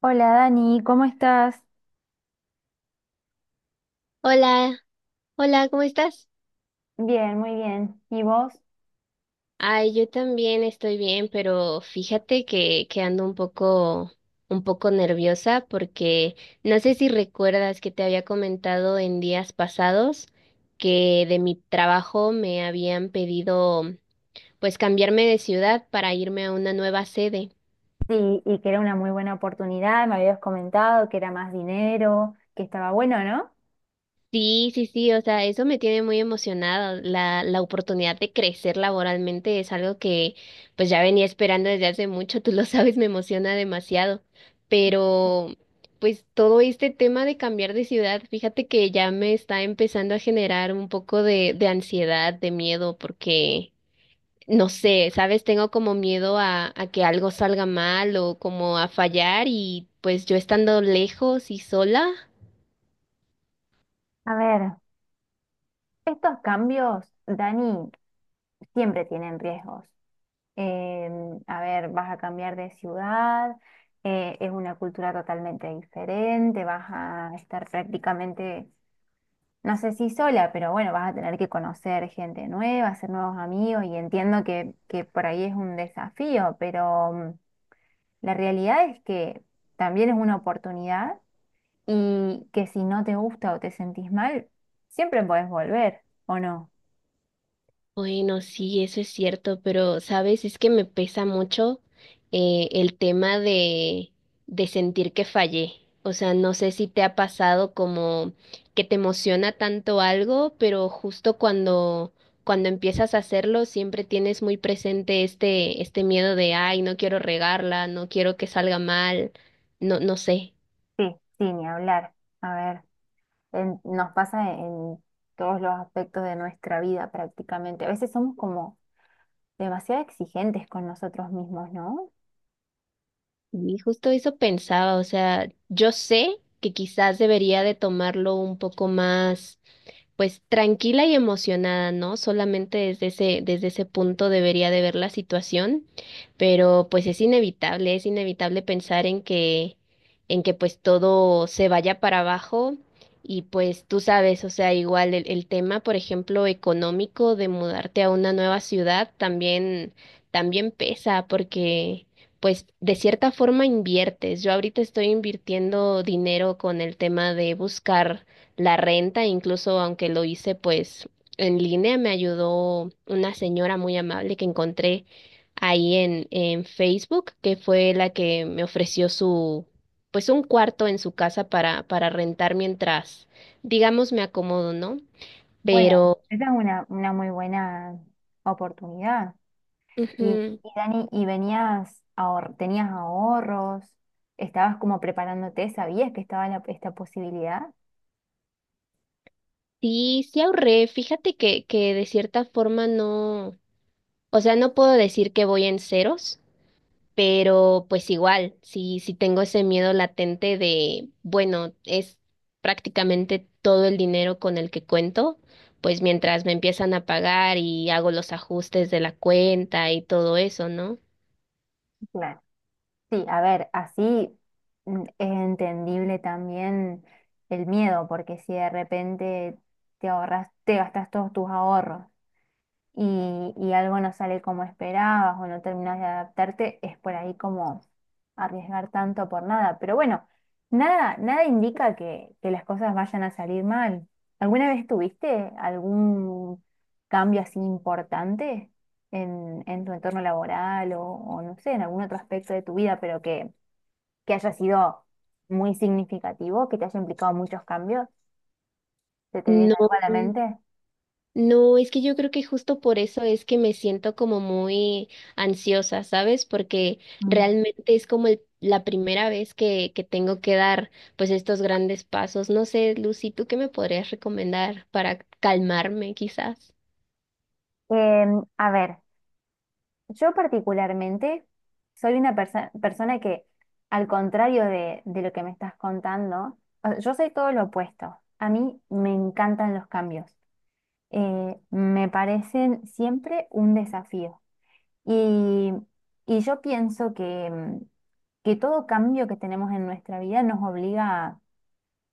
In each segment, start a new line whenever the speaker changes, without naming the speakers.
Hola Dani, ¿cómo estás?
Hola, hola, ¿cómo estás?
Bien, muy bien. ¿Y vos?
Ay, yo también estoy bien, pero fíjate que ando un poco nerviosa porque no sé si recuerdas que te había comentado en días pasados que de mi trabajo me habían pedido pues cambiarme de ciudad para irme a una nueva sede.
Sí, y que era una muy buena oportunidad, me habías comentado que era más dinero, que estaba bueno, ¿no?
Sí, sí, sí, o sea, eso me tiene muy emocionada. La oportunidad de crecer laboralmente es algo que pues ya venía esperando desde hace mucho, tú lo sabes, me emociona demasiado. Pero pues todo este tema de cambiar de ciudad, fíjate que ya me está empezando a generar un poco de ansiedad, de miedo, porque no sé, sabes, tengo como miedo a que algo salga mal o como a fallar y pues yo estando lejos y sola.
A ver, estos cambios, Dani, siempre tienen riesgos. A ver, vas a cambiar de ciudad, es una cultura totalmente diferente, vas a estar prácticamente no sé si sola, pero bueno, vas a tener que conocer gente nueva, hacer nuevos amigos y entiendo que por ahí es un desafío, pero la realidad es que también es una oportunidad y que si no te gusta o te sentís mal, siempre podés volver, ¿o no?
Bueno, sí, eso es cierto, pero sabes, es que me pesa mucho el tema de sentir que fallé. O sea, no sé si te ha pasado como que te emociona tanto algo, pero justo cuando, cuando empiezas a hacerlo, siempre tienes muy presente este, este miedo de, ay, no quiero regarla, no quiero que salga mal, no, no sé.
Sí, sí, ni hablar. A ver, nos pasa en todos los aspectos de nuestra vida prácticamente. A veces somos como demasiado exigentes con nosotros mismos, ¿no?
Y justo eso pensaba, o sea, yo sé que quizás debería de tomarlo un poco más pues tranquila y emocionada, ¿no? Solamente desde ese punto debería de ver la situación, pero pues es inevitable pensar en que pues todo se vaya para abajo y pues tú sabes, o sea, igual el tema, por ejemplo, económico de mudarte a una nueva ciudad también, también pesa porque pues de cierta forma inviertes. Yo ahorita estoy invirtiendo dinero con el tema de buscar la renta, incluso aunque lo hice pues en línea, me ayudó una señora muy amable que encontré ahí en Facebook, que fue la que me ofreció su, pues un cuarto en su casa para rentar mientras, digamos, me acomodo, ¿no?
Bueno,
Pero
esa es una muy buena oportunidad. Y,
ujú,
y Dani, ¿y venías, tenías ahorros? ¿Estabas como preparándote? ¿Sabías que estaba esta posibilidad?
sí, sí ahorré, fíjate que de cierta forma no, o sea, no puedo decir que voy en ceros. Pero pues igual, si tengo ese miedo latente de, bueno, es prácticamente todo el dinero con el que cuento, pues mientras me empiezan a pagar y hago los ajustes de la cuenta y todo eso, ¿no?
Claro. Sí, a ver, así es entendible también el miedo, porque si de repente te ahorras, te gastas todos tus ahorros y algo no sale como esperabas o no terminas de adaptarte, es por ahí como arriesgar tanto por nada. Pero bueno, nada, nada indica que las cosas vayan a salir mal. ¿Alguna vez tuviste algún cambio así importante en tu entorno laboral o no sé, en algún otro aspecto de tu vida, pero que haya sido muy significativo, que te haya implicado muchos cambios? ¿Se te viene algo a
No.
la mente?
No, es que yo creo que justo por eso es que me siento como muy ansiosa, ¿sabes? Porque
Mm.
realmente es como el- la primera vez que tengo que dar pues estos grandes pasos. No sé, Lucy, ¿tú qué me podrías recomendar para calmarme quizás?
A ver. Yo particularmente soy una persona que, al contrario de lo que me estás contando, o sea, yo soy todo lo opuesto. A mí me encantan los cambios. Me parecen siempre un desafío. Y, y yo pienso que que todo cambio que tenemos en nuestra vida nos obliga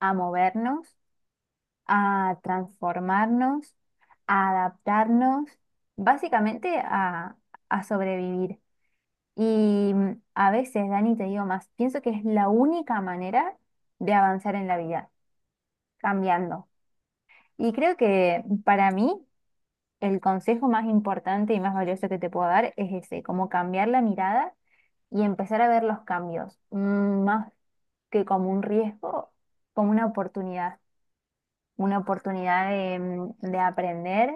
a movernos, a transformarnos, a adaptarnos, básicamente a sobrevivir. Y a veces, Dani, te digo más, pienso que es la única manera de avanzar en la vida, cambiando. Y creo que para mí el consejo más importante y más valioso que te puedo dar es ese, como cambiar la mirada y empezar a ver los cambios, más que como un riesgo, como una oportunidad de de aprender,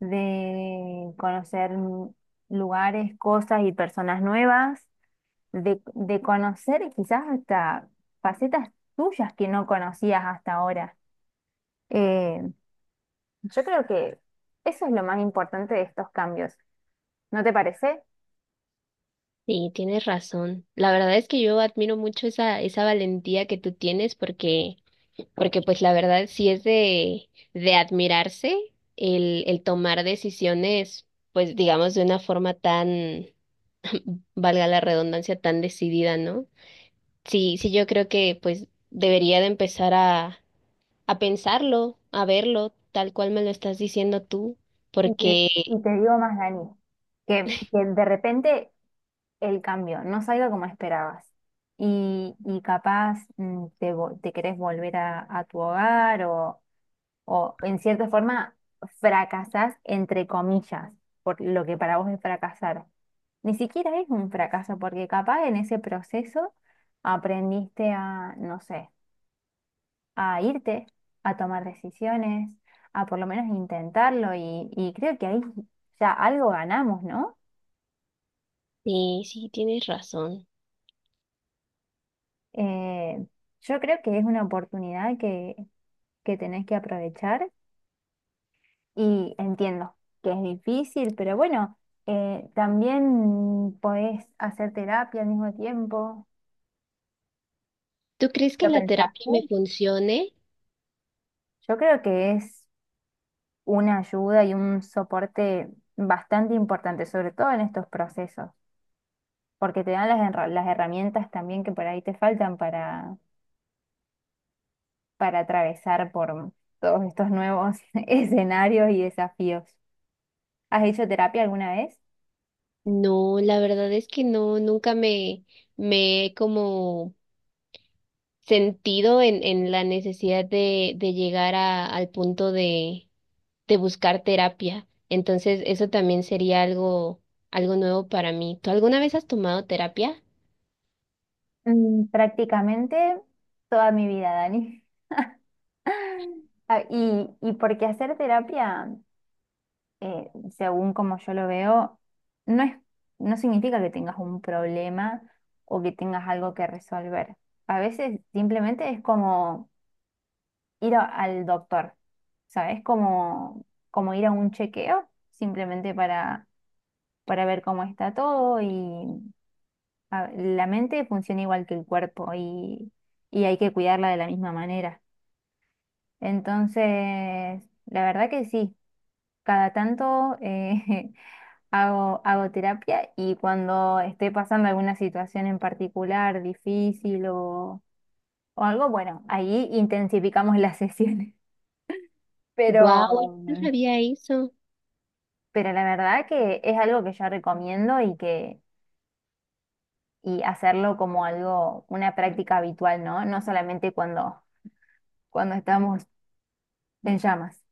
de conocer lugares, cosas y personas nuevas de conocer quizás hasta facetas tuyas que no conocías hasta ahora. Eh, yo creo que eso es lo más importante de estos cambios, ¿no te parece?
Sí, tienes razón. La verdad es que yo admiro mucho esa, esa valentía que tú tienes porque, porque pues la verdad sí es de admirarse el tomar decisiones, pues digamos de una forma tan, valga la redundancia, tan decidida, ¿no? Sí, sí, yo creo que pues debería de empezar a pensarlo, a verlo, tal cual me lo estás diciendo tú,
Y te,
porque
y te digo más, Dani, que de repente el cambio no salga como esperabas y capaz te querés volver a tu hogar o en cierta forma fracasás entre comillas por lo que para vos es fracasar. Ni siquiera es un fracaso, porque capaz en ese proceso aprendiste a, no sé, a irte, a tomar decisiones, a por lo menos intentarlo y creo que ahí ya algo ganamos, ¿no?
sí, sí, tienes razón.
Eh, yo creo que es una oportunidad que tenés que aprovechar y entiendo que es difícil, pero bueno, también podés hacer terapia al mismo tiempo.
¿Tú crees que
¿Lo
la terapia
pensaste?
me funcione?
Yo creo que es una ayuda y un soporte bastante importante, sobre todo en estos procesos, porque te dan las herramientas también que por ahí te faltan para atravesar por todos estos nuevos escenarios y desafíos. ¿Has hecho terapia alguna vez?
No, la verdad es que no, nunca me, me he como sentido en la necesidad de llegar a, al punto de buscar terapia. Entonces, eso también sería algo, algo nuevo para mí. ¿Tú alguna vez has tomado terapia?
Mm, prácticamente toda mi vida, Dani. Ah, Y porque hacer terapia eh, según como yo lo veo, no es, no significa que tengas un problema o que tengas algo que resolver. A veces simplemente es como ir al doctor, ¿sabes? Como, como ir a un chequeo, simplemente para ver cómo está todo y la mente funciona igual que el cuerpo y hay que cuidarla de la misma manera. Entonces, la verdad que sí. Cada tanto hago, hago terapia y cuando esté pasando alguna situación en particular difícil o algo, bueno, ahí intensificamos las sesiones. Pero,
Wow, yo no
mm,
sabía eso.
pero la verdad que es algo que yo recomiendo y que y hacerlo como algo, una práctica habitual, ¿no? No solamente cuando, cuando estamos en llamas.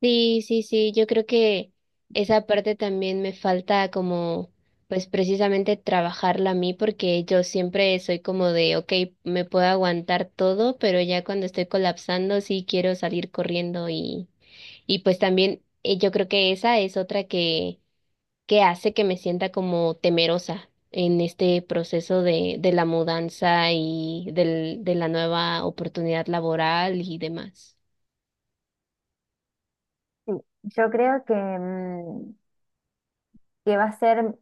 Sí, sí, sí, yo creo que esa parte también me falta como, pues precisamente trabajarla a mí porque yo siempre soy como de, ok, me puedo aguantar todo, pero ya cuando estoy colapsando sí quiero salir corriendo y pues también yo creo que esa es otra que hace que me sienta como temerosa en este proceso de la mudanza y del, de la nueva oportunidad laboral y demás.
Sí, yo creo que que va a ser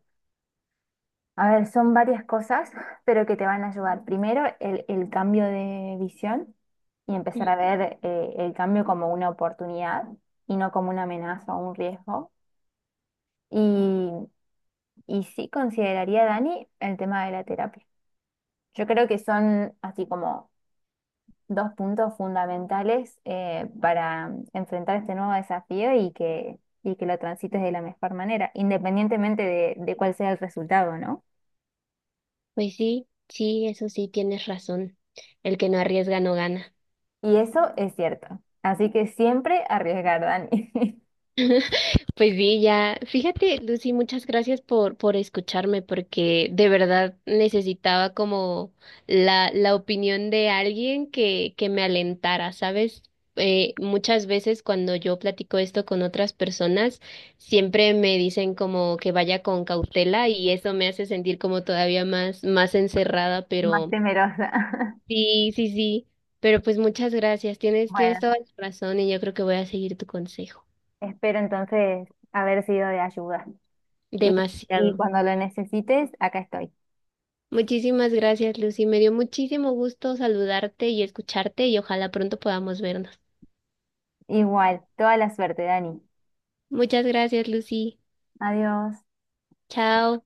a ver, son varias cosas, pero que te van a ayudar. Primero, el cambio de visión y empezar a ver el cambio como una oportunidad y no como una amenaza o un riesgo. Y, y sí consideraría, Dani, el tema de la terapia. Yo creo que son así como dos puntos fundamentales para enfrentar este nuevo desafío y que lo transites de la mejor manera, independientemente de cuál sea el resultado, ¿no?
Pues sí, sí, eso sí, tienes razón. El que no arriesga no gana.
Y eso es cierto. Así que siempre arriesgar, Dani.
Pues sí, ya, fíjate, Lucy, muchas gracias por escucharme, porque de verdad necesitaba como la opinión de alguien que me alentara, ¿sabes? Muchas veces cuando yo platico esto con otras personas, siempre me dicen como que vaya con cautela y eso me hace sentir como todavía más, más encerrada,
Más
pero
temerosa.
sí, sí, sí, pero pues muchas gracias, tienes, tienes
Bueno,
toda la razón y yo creo que voy a seguir tu consejo.
espero entonces haber sido de ayuda. Y, y
Demasiado.
cuando lo necesites, acá estoy.
Muchísimas gracias, Lucy. Me dio muchísimo gusto saludarte y escucharte y ojalá pronto podamos vernos.
Igual, toda la suerte, Dani.
Muchas gracias, Lucy.
Adiós.
Chao.